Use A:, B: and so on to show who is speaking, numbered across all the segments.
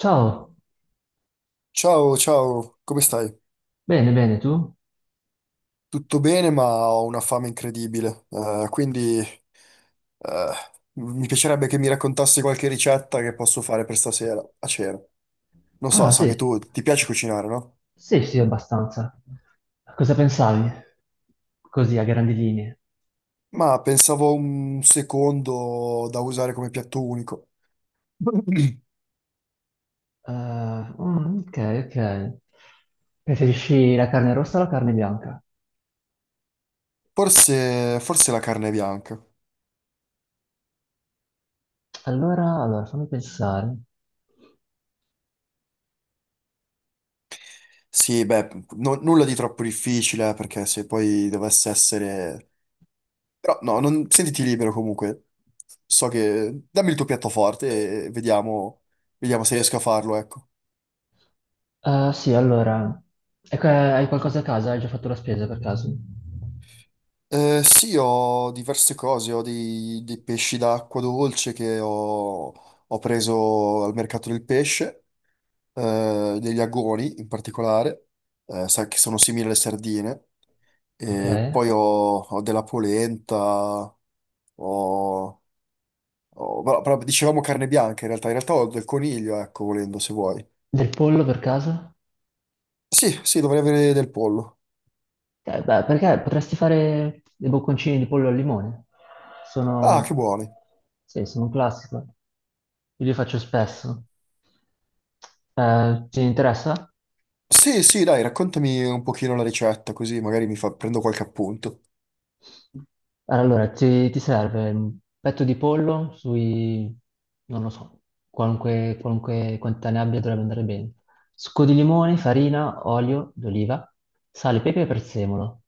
A: Ciao,
B: Ciao, ciao, come stai?
A: bene, bene, tu?
B: Tutto bene, ma ho una fame incredibile, quindi eh, mi piacerebbe che mi raccontassi qualche ricetta che posso fare per stasera a cena. Non so,
A: Ah,
B: so che
A: sì,
B: tu ti piace cucinare, no?
A: sì, sì, abbastanza. Cosa pensavi? Così, a grandi linee.
B: Ma pensavo un secondo da usare come piatto unico.
A: Ok, ok. Preferisci la carne rossa o la carne bianca?
B: Forse la carne bianca.
A: Allora, fammi pensare.
B: Sì, beh, nulla di troppo difficile, perché se poi dovesse essere. Però no, sentiti libero comunque. So che... Dammi il tuo piattoforte e vediamo, vediamo se riesco a farlo, ecco.
A: Sì, allora, ecco, hai qualcosa a casa? Hai già fatto la spesa per caso?
B: Sì, ho diverse cose, ho dei pesci d'acqua dolce che ho, ho preso al mercato del pesce, degli agoni in particolare, sa che sono simili alle sardine,
A: Ok.
B: e poi ho, ho della polenta, ho, però dicevamo carne bianca in realtà ho del coniglio, ecco, volendo se vuoi.
A: Del pollo per caso?
B: Sì, sì, dovrei avere del pollo.
A: Beh, perché potresti fare dei bocconcini di pollo al limone?
B: Ah, che
A: Sono,
B: buoni.
A: sì, sono un classico. Io li faccio spesso. Ti interessa?
B: Sì, sì, dai, raccontami un pochino la ricetta, così magari prendo qualche appunto.
A: Allora, ti serve un petto di pollo sui, non lo so, qualunque, qualunque quantità ne abbia dovrebbe andare bene. Succo di limone, farina, olio d'oliva, sale, pepe e prezzemolo.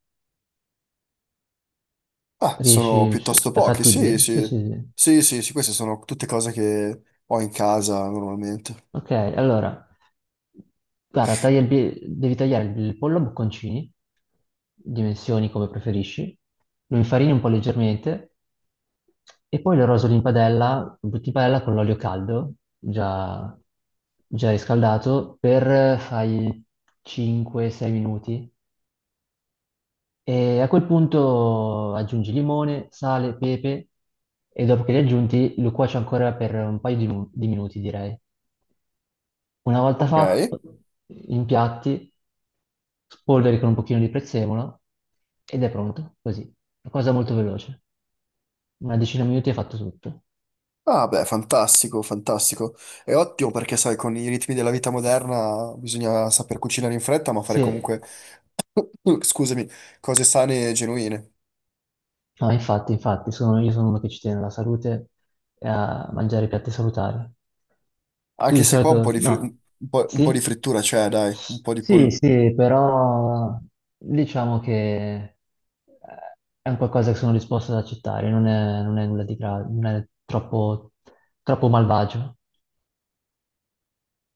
B: Ah, sono
A: Riesci?
B: piuttosto
A: È
B: pochi, sì,
A: fattibile? Sì,
B: sì.
A: sì, sì.
B: Sì, sì, sì, queste sono tutte cose che ho in casa normalmente.
A: Ok, allora, guarda, devi tagliare il pollo a bocconcini, dimensioni come preferisci, lo infarini un po' leggermente e poi lo rosoli in padella, lo butti in padella con l'olio caldo, già, già riscaldato, per fai 5-6 minuti. E a quel punto aggiungi limone, sale, pepe e dopo che li aggiunti lo cuoci ancora per un paio di, di minuti, direi. Una volta
B: Ok.
A: fatto, impiatti, spolveri con un pochino di prezzemolo ed è pronto, così. Una cosa molto veloce. Una decina di minuti è fatto tutto.
B: Ah, beh, fantastico, fantastico. È ottimo perché, sai, con i ritmi della vita moderna bisogna saper cucinare in fretta, ma fare
A: Se
B: comunque, scusami, cose sane e genuine.
A: No, infatti, infatti, sono, io sono uno che ci tiene alla salute e a mangiare piatti salutari. Tu di
B: Anche se qua
A: solito, no,
B: un po' di
A: sì?
B: frittura c'è, dai, un po' di
A: Sì,
B: pollo.
A: sì, però diciamo che è un qualcosa che sono disposto ad accettare, non è, non è nulla di grave, non è troppo, troppo malvagio.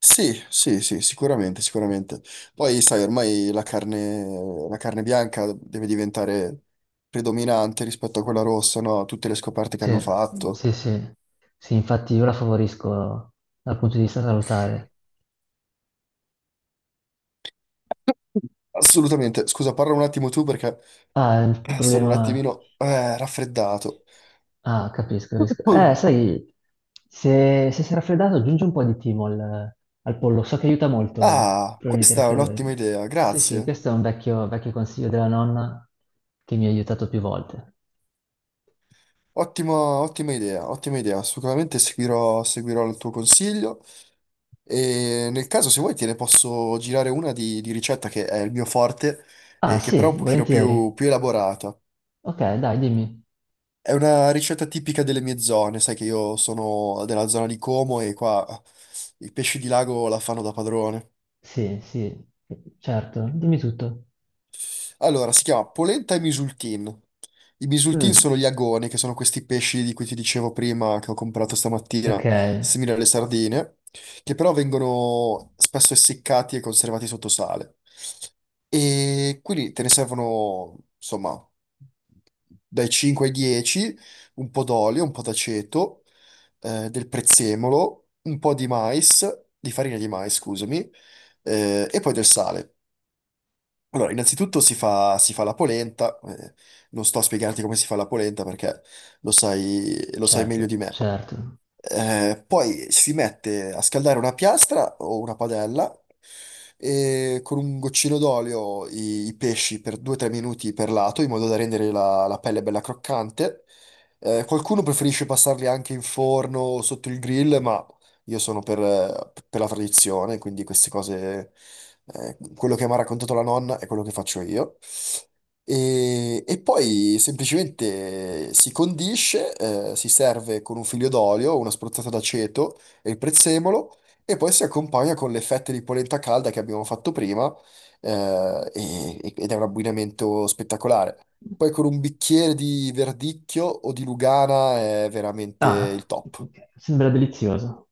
B: Sì, sì, sì, sicuramente, sicuramente. Poi, sai, ormai la carne bianca deve diventare predominante rispetto a quella rossa, no? Tutte le scoperte che
A: Sì,
B: hanno fatto.
A: sì, sì, sì, infatti io la favorisco dal punto di vista salutare.
B: Assolutamente. Scusa, parla un attimo tu perché
A: Ah, il
B: Sono un
A: problema...
B: attimino raffreddato.
A: Ah, capisco, capisco.
B: Mm.
A: Sai, se sei raffreddato aggiungi un po' di timo al, al pollo, so che aiuta molto
B: Ah,
A: problemi di
B: questa è
A: raffreddore.
B: un'ottima idea,
A: Sì, sì,
B: grazie.
A: questo è un vecchio, vecchio consiglio della nonna che mi ha aiutato più volte.
B: Ottimo, ottima idea, ottima idea. Sicuramente seguirò, seguirò il tuo consiglio e nel caso se vuoi te ne posso girare una di ricetta che è il mio forte
A: Ah,
B: e che però
A: sì,
B: è un pochino
A: volentieri.
B: più elaborata.
A: Ok, dai, dimmi.
B: È una ricetta tipica delle mie zone, sai che io sono della zona di Como e qua i pesci di lago la fanno da padrone.
A: Sì, sì, certo, dimmi tutto.
B: Allora, si chiama polenta e misultin. I misultin
A: Mm,
B: sono gli agoni, che sono questi pesci di cui ti dicevo prima, che ho comprato stamattina,
A: ok,
B: simili alle sardine, che però vengono spesso essiccati e conservati sotto sale. E quindi te ne servono, insomma, dai 5 ai 10, un po' d'olio, un po' d'aceto, del prezzemolo, un po' di mais, di farina di mais, scusami, e poi del sale. Allora, innanzitutto si fa la polenta, non sto a spiegarti come si fa la polenta perché lo sai meglio
A: certo,
B: di me.
A: certo.
B: Poi si mette a scaldare una piastra o una padella e con un goccino d'olio i pesci per 2-3 minuti per lato in modo da rendere la, la pelle bella croccante. Qualcuno preferisce passarli anche in forno o sotto il grill, ma io sono per la tradizione, quindi queste cose, quello che mi ha raccontato la nonna è quello che faccio io. E poi semplicemente si condisce, si serve con un figlio d'olio, una spruzzata d'aceto e il prezzemolo, e poi si accompagna con le fette di polenta calda che abbiamo fatto prima, ed è un abbinamento spettacolare. Poi con un bicchiere di verdicchio o di Lugana è veramente
A: Ah,
B: il top.
A: ok, sembra delizioso.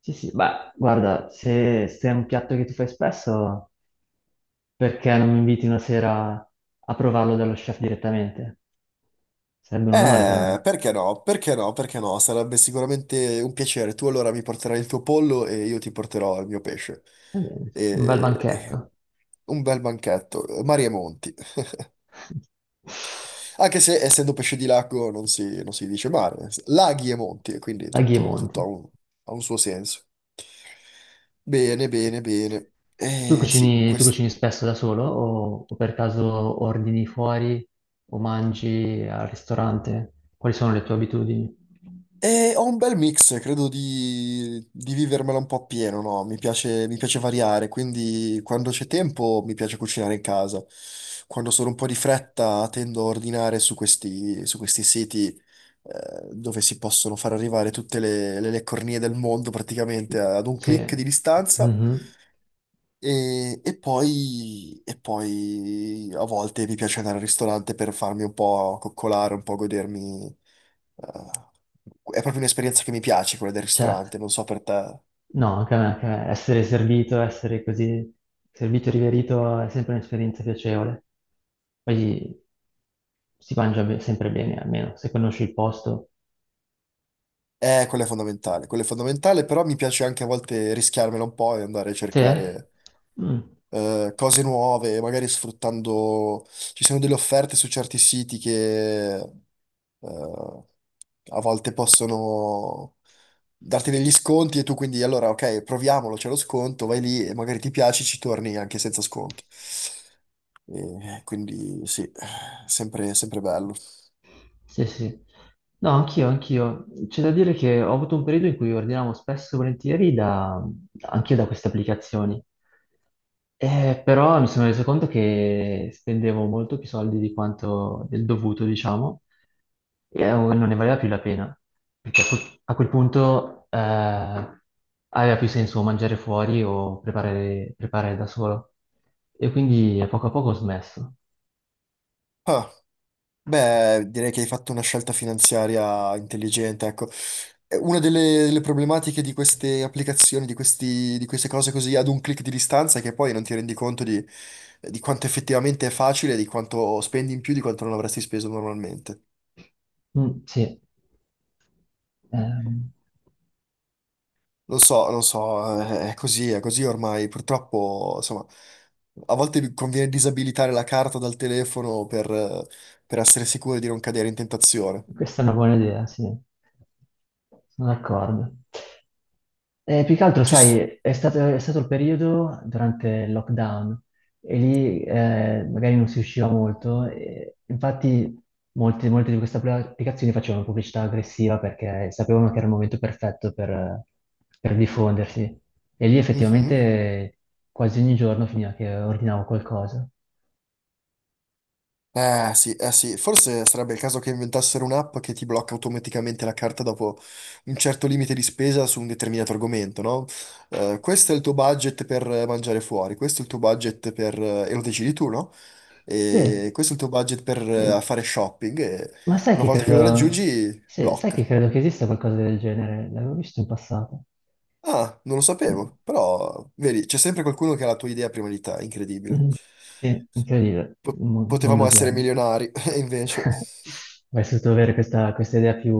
A: Sì, sì, beh, guarda, se, se è un piatto che tu fai spesso, perché non mi inviti una sera a provarlo dallo chef direttamente? Sarebbe un onore per me.
B: Perché no? Perché no? Perché no? Sarebbe sicuramente un piacere. Tu allora mi porterai il tuo pollo e io ti porterò il mio pesce.
A: Va bene, un bel
B: E...
A: banchetto.
B: eh, Un bel banchetto, mari e monti. Anche se essendo pesce di lago non si dice mare, laghi e monti, quindi
A: Laghi e
B: tutto,
A: Monti.
B: tutto ha un suo senso. Bene, bene, bene. Sì,
A: Tu cucini spesso da solo o per caso ordini fuori o mangi al ristorante? Quali sono le tue abitudini?
B: e ho un bel mix, credo di vivermela un po' appieno, no? Mi piace variare, quindi quando c'è tempo mi piace cucinare in casa. Quando sono un po' di fretta tendo a ordinare su questi siti dove si possono far arrivare tutte le cornie del mondo praticamente ad un
A: Sì.
B: click di distanza.
A: Mhm.
B: E poi a volte mi piace andare al ristorante per farmi un po' coccolare, un po' godermi, è proprio un'esperienza che mi piace quella del
A: Certo.
B: ristorante, non so per te.
A: No, anche a me, anche a me. Essere servito, essere così servito e riverito è sempre un'esperienza piacevole. Poi si mangia sempre bene, almeno se conosci il posto.
B: Quella è fondamentale, però mi piace anche a volte rischiarmela un po' e andare a
A: Sì? Eh?
B: cercare
A: Mm.
B: cose nuove, magari sfruttando... Ci sono delle offerte su certi siti che a volte possono darti degli sconti e tu quindi allora ok, proviamolo, c'è lo sconto, vai lì e magari ti piace, ci torni anche senza sconti. E quindi sì, sempre, sempre bello.
A: Sì, sì. No, anch'io, anch'io. C'è da dire che ho avuto un periodo in cui ordinavo spesso e volentieri da, anche da queste applicazioni. Però mi sono reso conto che spendevo molto più soldi di quanto del dovuto, diciamo, e non ne valeva più la pena, perché a quel punto aveva più senso mangiare fuori o preparare, preparare da solo. E quindi a poco ho smesso.
B: Ah. Beh, direi che hai fatto una scelta finanziaria intelligente, ecco. Una delle, delle problematiche di queste applicazioni, di queste cose così ad un click di distanza, è che poi non ti rendi conto di quanto effettivamente è facile, di quanto spendi in più, di quanto non avresti speso normalmente.
A: Mm, sì. Ehm,
B: Non so, non so, è così ormai. Purtroppo, insomma, a volte conviene disabilitare la carta dal telefono per essere sicuri di non cadere in tentazione.
A: Questa è una buona idea, sì. Sono d'accordo. Più che altro,
B: Ci...
A: sai,
B: s-
A: è stato il periodo durante il lockdown e lì magari non si usciva molto. E infatti, molte, molte di queste applicazioni facevano pubblicità aggressiva perché sapevano che era il momento perfetto per diffondersi. E lì
B: Mhm.
A: effettivamente quasi ogni giorno finiva che ordinavo qualcosa.
B: Sì, eh sì, forse sarebbe il caso che inventassero un'app che ti blocca automaticamente la carta dopo un certo limite di spesa su un determinato argomento, no? Questo è il tuo budget per mangiare fuori, questo è il tuo budget per... e lo decidi tu, no?
A: Sì,
B: E questo è il tuo budget per
A: sì.
B: fare shopping e
A: Ma sai
B: una
A: che
B: volta che lo
A: credo,
B: raggiungi,
A: sì, sai
B: blocca.
A: che credo che esista qualcosa del genere? L'avevo visto in passato.
B: Ah, non lo
A: Eh,
B: sapevo, però vedi, c'è sempre qualcuno che ha la tua idea prima di te, incredibile.
A: mm, Sì, incredibile, il mondo
B: Potevamo essere
A: odierno.
B: milionari, e invece...
A: Avrei potuto avere questa, questa idea più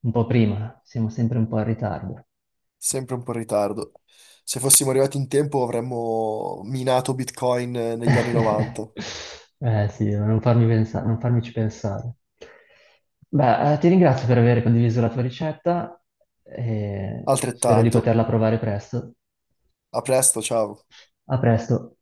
A: un po' prima, siamo sempre un po' in ritardo.
B: Sempre un po' in ritardo. Se fossimo arrivati in tempo avremmo minato Bitcoin negli anni 90.
A: Eh sì, non farmici pensare. Beh, ti ringrazio per aver condiviso la tua ricetta e spero di
B: Altrettanto.
A: poterla provare presto.
B: A presto, ciao.
A: A presto.